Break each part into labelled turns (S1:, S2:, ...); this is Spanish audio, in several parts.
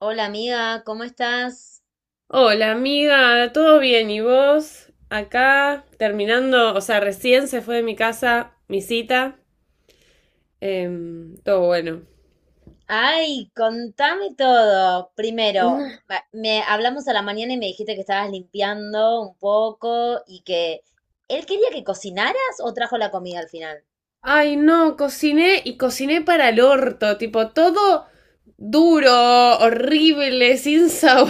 S1: Hola amiga, ¿cómo estás?
S2: Hola amiga, ¿todo bien? ¿Y vos? Acá terminando, o sea, recién se fue de mi casa mi cita. Todo bueno.
S1: Ay, contame todo. Primero, me hablamos a la mañana y me dijiste que estabas limpiando un poco y que él quería que cocinaras o trajo la comida al final.
S2: Ay, no, cociné y cociné para el orto, tipo todo duro, horrible, sin sabor.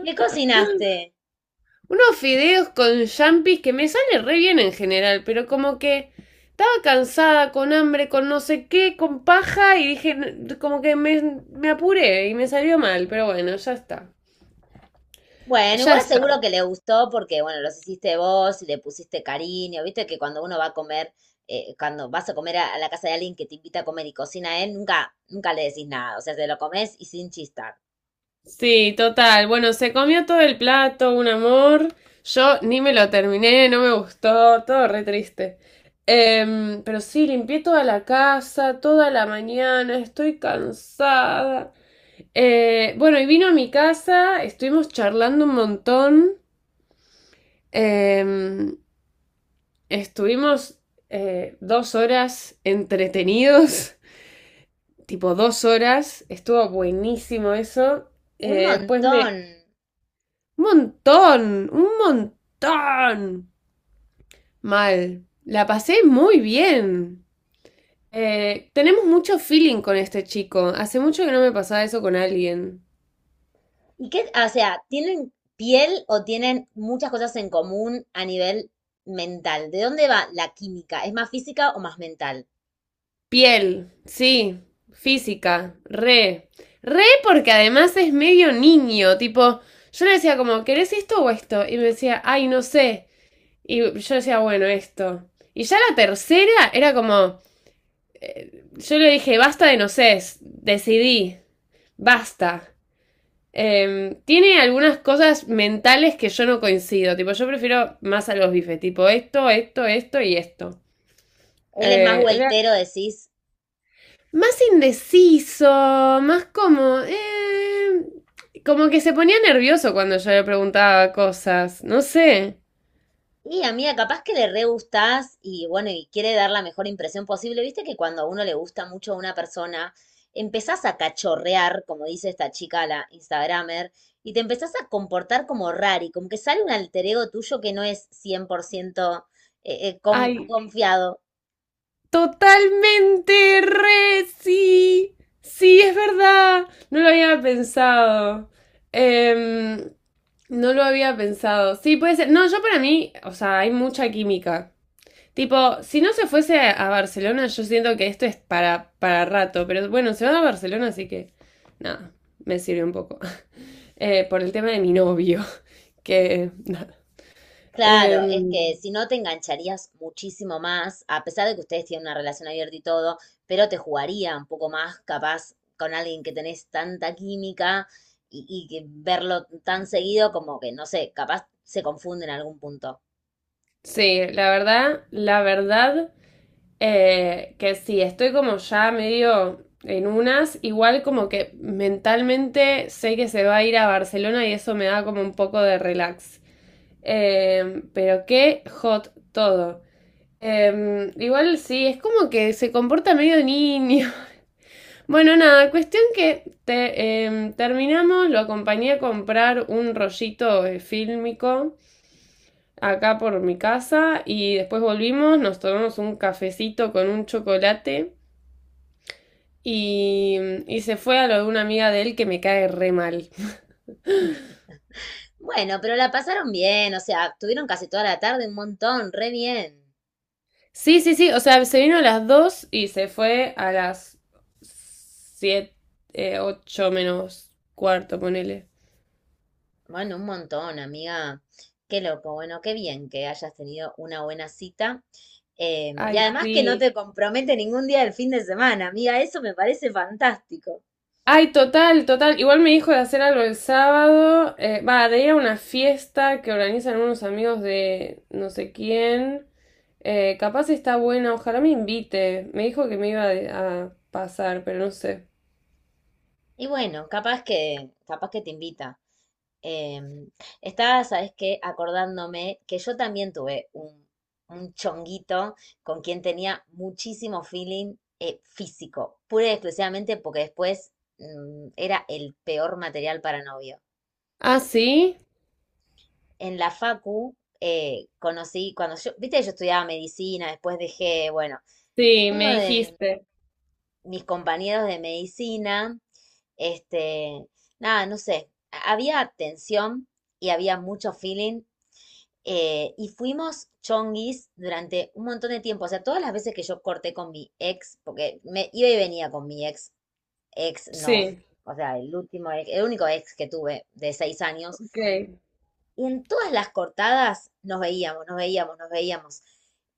S1: ¿Qué cocinaste?
S2: Unos fideos con champis que me sale re bien en general, pero como que estaba cansada, con hambre, con no sé qué, con paja y dije, Como que me apuré y me salió mal, pero bueno, ya está."
S1: Bueno,
S2: Ya
S1: igual
S2: está.
S1: seguro que le gustó porque, bueno, los hiciste vos y le pusiste cariño. Viste que cuando uno va a comer, cuando vas a comer a la casa de alguien que te invita a comer y cocina él, nunca, nunca le decís nada. O sea, te lo comes y sin chistar.
S2: Sí, total. Bueno, se comió todo el plato, un amor. Yo ni me lo terminé, no me gustó, todo re triste. Pero sí, limpié toda la casa, toda la mañana, estoy cansada. Bueno, y vino a mi casa, estuvimos charlando un montón. Em, Estuvimos dos horas entretenidos. Tipo dos horas, estuvo buenísimo eso.
S1: Un
S2: Eh, después
S1: montón.
S2: me, Un montón, un montón. Mal. La pasé muy bien. Tenemos mucho feeling con este chico. Hace mucho que no me pasaba eso con alguien.
S1: ¿Y qué, ah, o sea, tienen piel o tienen muchas cosas en común a nivel mental? ¿De dónde va la química? ¿Es más física o más mental?
S2: Piel, sí. Física, re. Re porque además es medio niño, tipo, yo le decía como, "¿Querés esto o esto?". Y me decía, "Ay, no sé". Y yo decía, "Bueno, esto". Y ya la tercera era como, yo le dije, basta de no sé, decidí, basta. Tiene algunas cosas mentales que yo no coincido. Tipo, yo prefiero más a los bifes. Tipo, esto y esto.
S1: Él es más
S2: Era
S1: vueltero, decís.
S2: más indeciso, más como como que se ponía nervioso cuando yo le preguntaba cosas. No sé.
S1: Y amiga, capaz que le re gustás y bueno, y quiere dar la mejor impresión posible. Viste que cuando a uno le gusta mucho a una persona, empezás a cachorrear, como dice esta chica, la Instagramer, y te empezás a comportar como rari, como que sale un alter ego tuyo que no es 100%
S2: Ay.
S1: confiado.
S2: Totalmente, re, sí. Sí, es verdad. No lo había pensado. Em, no lo había pensado. Sí, puede ser. No, yo para mí, o sea, hay mucha química. Tipo, si no se fuese a Barcelona, yo siento que esto es para rato. Pero bueno, se van a Barcelona, así que nada, me sirve un poco. Por el tema de mi novio, que nada.
S1: Claro,
S2: Em,
S1: es que si no te engancharías muchísimo más, a pesar de que ustedes tienen una relación abierta y todo, pero te jugaría un poco más capaz con alguien que tenés tanta química y que verlo tan seguido como que, no sé, capaz se confunde en algún punto.
S2: sí, la verdad, la verdad. Que sí, estoy como ya medio en unas, igual como que mentalmente sé que se va a ir a Barcelona y eso me da como un poco de relax. Pero qué hot todo. Igual sí, es como que se comporta medio niño. Bueno, nada, cuestión que terminamos, lo acompañé a comprar un rollito fílmico acá por mi casa y después volvimos, nos tomamos un cafecito con un chocolate. Y, y se fue a lo de una amiga de él que me cae re mal.
S1: Bueno, pero la pasaron bien, o sea, tuvieron casi toda la tarde un montón, re bien.
S2: Sí, sí, sí, o sea, se vino a las 2 y se fue a las 7, 8 menos cuarto, ponele.
S1: Bueno, un montón, amiga. Qué loco, bueno, qué bien que hayas tenido una buena cita. Y
S2: Ay,
S1: además que no
S2: sí.
S1: te compromete ningún día del fin de semana, amiga, eso me parece fantástico.
S2: Ay, total, total. Igual me dijo de hacer algo el sábado. Va, de ir a una fiesta que organizan unos amigos de no sé quién. Capaz está buena, ojalá me invite. Me dijo que me iba a pasar, pero no sé.
S1: Y bueno, capaz que te invita. Em, Estaba, ¿sabes qué? Acordándome que yo también tuve un chonguito con quien tenía muchísimo feeling físico, pura y exclusivamente porque después era el peor material para novio.
S2: Ah, sí.
S1: En la facu conocí, cuando yo, viste, yo estudiaba medicina, después dejé, bueno,
S2: Sí,
S1: uno
S2: me
S1: de
S2: dijiste.
S1: mis compañeros de medicina, este, nada, no sé, había tensión y había mucho feeling y fuimos chonguis durante un montón de tiempo, o sea, todas las veces que yo corté con mi ex, porque me iba y venía con mi ex, ex no,
S2: Sí,
S1: o sea, el último, el único ex que tuve de 6 años.
S2: ok.
S1: Y en todas las cortadas nos veíamos, nos veíamos, nos veíamos.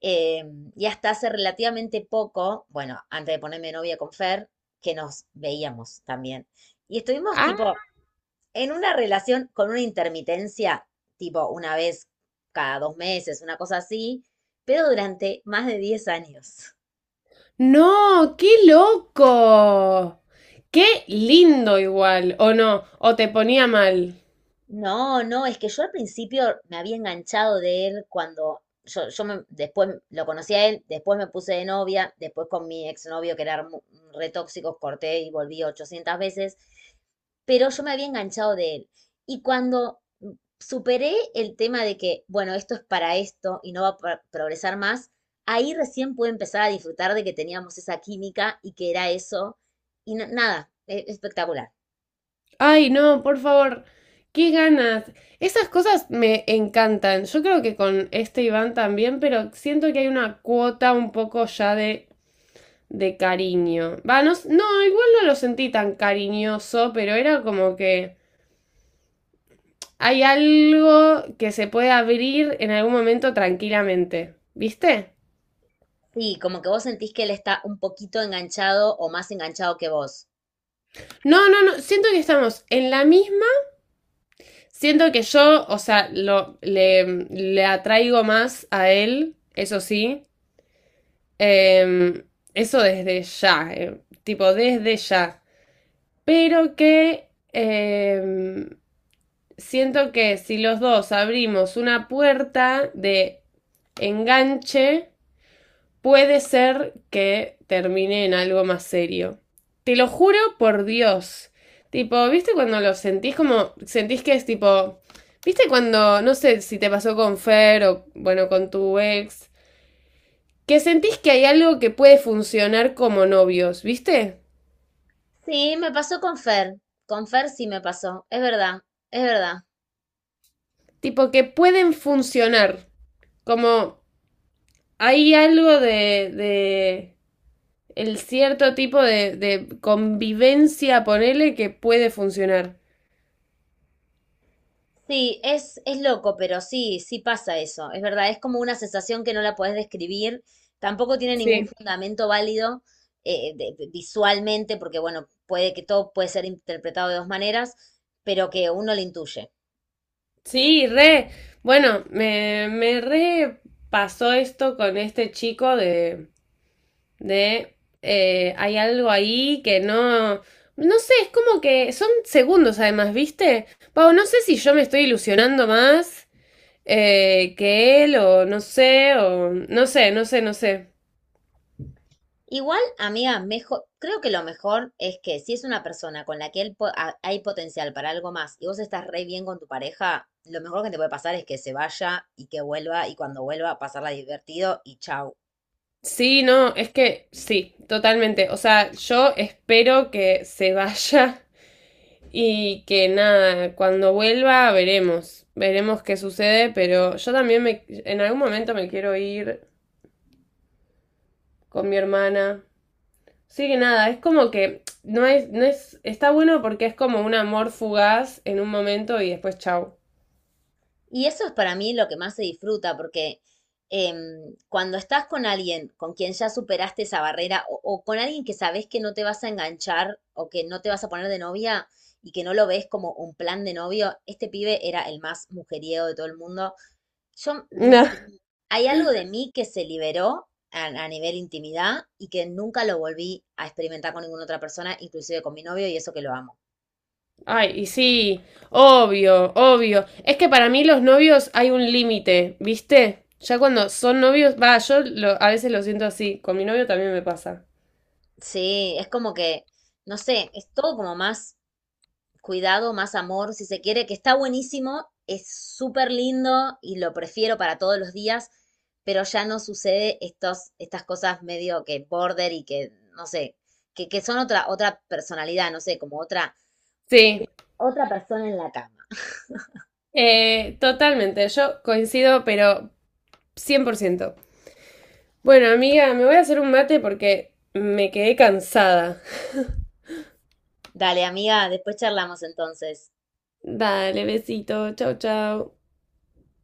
S1: Eh, y hasta hace relativamente poco, bueno, antes de ponerme novia con Fer, que nos veíamos también. Y estuvimos
S2: Ah,
S1: tipo en una relación con una intermitencia, tipo una vez cada 2 meses, una cosa así, pero durante más de 10 años.
S2: no, qué loco. Qué lindo igual, o no, o te ponía mal.
S1: No, no, es que yo al principio me había enganchado de él cuando yo después lo conocí a él, después me puse de novia, después con mi exnovio que era re tóxico, corté y volví 800 veces, pero yo me había enganchado de él. Y cuando superé el tema de que, bueno, esto es para esto y no va a progresar más, ahí recién pude empezar a disfrutar de que teníamos esa química y que era eso. Y nada, espectacular.
S2: Ay, no, por favor, qué ganas. Esas cosas me encantan. Yo creo que con este Iván también, pero siento que hay una cuota un poco ya de cariño. Va, no, no, igual no lo sentí tan cariñoso, pero era como que hay algo que se puede abrir en algún momento tranquilamente. ¿Viste?
S1: Sí, como que vos sentís que él está un poquito enganchado o más enganchado que vos.
S2: No, no, no, siento que estamos en la misma. Siento que yo, o sea, le atraigo más a él, eso sí. Em, Eso desde ya, tipo desde ya. Pero siento que si los dos abrimos una puerta de enganche, puede ser que termine en algo más serio. Te lo juro por Dios. Tipo, ¿viste cuando lo sentís como? Sentís que es tipo. ¿Viste cuando, no sé si te pasó con Fer o, bueno, con tu ex, que sentís que hay algo que puede funcionar como novios, ¿viste?
S1: Sí, me pasó con Fer. Con Fer sí me pasó. Es verdad, es verdad.
S2: Tipo, que pueden funcionar. Como hay algo de el cierto tipo de convivencia, ponele, que puede funcionar.
S1: Sí, es loco, pero sí, sí pasa eso. Es verdad, es como una sensación que no la podés describir. Tampoco tiene ningún
S2: Sí.
S1: fundamento válido visualmente, porque bueno, puede que todo puede ser interpretado de dos maneras, pero que uno lo intuye.
S2: Sí, re. Bueno, me re pasó esto con este chico de hay algo ahí que no, no sé, es como que son segundos además, ¿viste? Pau, no sé si yo me estoy ilusionando más que él o no sé, no sé, no sé.
S1: Igual, amiga, mejor, creo que lo mejor es que si es una persona con la que él hay potencial para algo más y vos estás re bien con tu pareja, lo mejor que te puede pasar es que se vaya y que vuelva y cuando vuelva pasarla divertido y chau.
S2: Sí, no, es que sí, totalmente. O sea, yo espero que se vaya. Y que nada, cuando vuelva veremos, veremos qué sucede, pero yo también en algún momento me quiero ir con mi hermana. Sí, que nada, es como que no es, está bueno porque es como un amor fugaz en un momento y después chau.
S1: Y eso es para mí lo que más se disfruta porque em, cuando estás con alguien con quien ya superaste esa barrera o con alguien que sabes que no te vas a enganchar o que no te vas a poner de novia y que no lo ves como un plan de novio, este pibe era el más mujeriego de todo el mundo. Yo, me
S2: Nah.
S1: s- Hay algo de mí que se liberó a nivel intimidad y que nunca lo volví a experimentar con ninguna otra persona, inclusive con mi novio, y eso que lo amo.
S2: Ay, y sí, obvio, obvio. Es que para mí los novios hay un límite, ¿viste? Ya cuando son novios, va, yo a veces lo siento así, con mi novio también me pasa.
S1: Sí, es como que, no sé, es todo como más cuidado, más amor, si se quiere, que está buenísimo, es súper lindo y lo prefiero para todos los días, pero ya no sucede estas cosas medio que border y que, no sé, que son otra personalidad, no sé, como otra,
S2: Sí.
S1: otra persona en la cama.
S2: Totalmente, yo coincido, pero 100%. Bueno, amiga, me voy a hacer un mate porque me quedé cansada.
S1: Dale, amiga, después charlamos entonces.
S2: Dale, besito, chau, chau.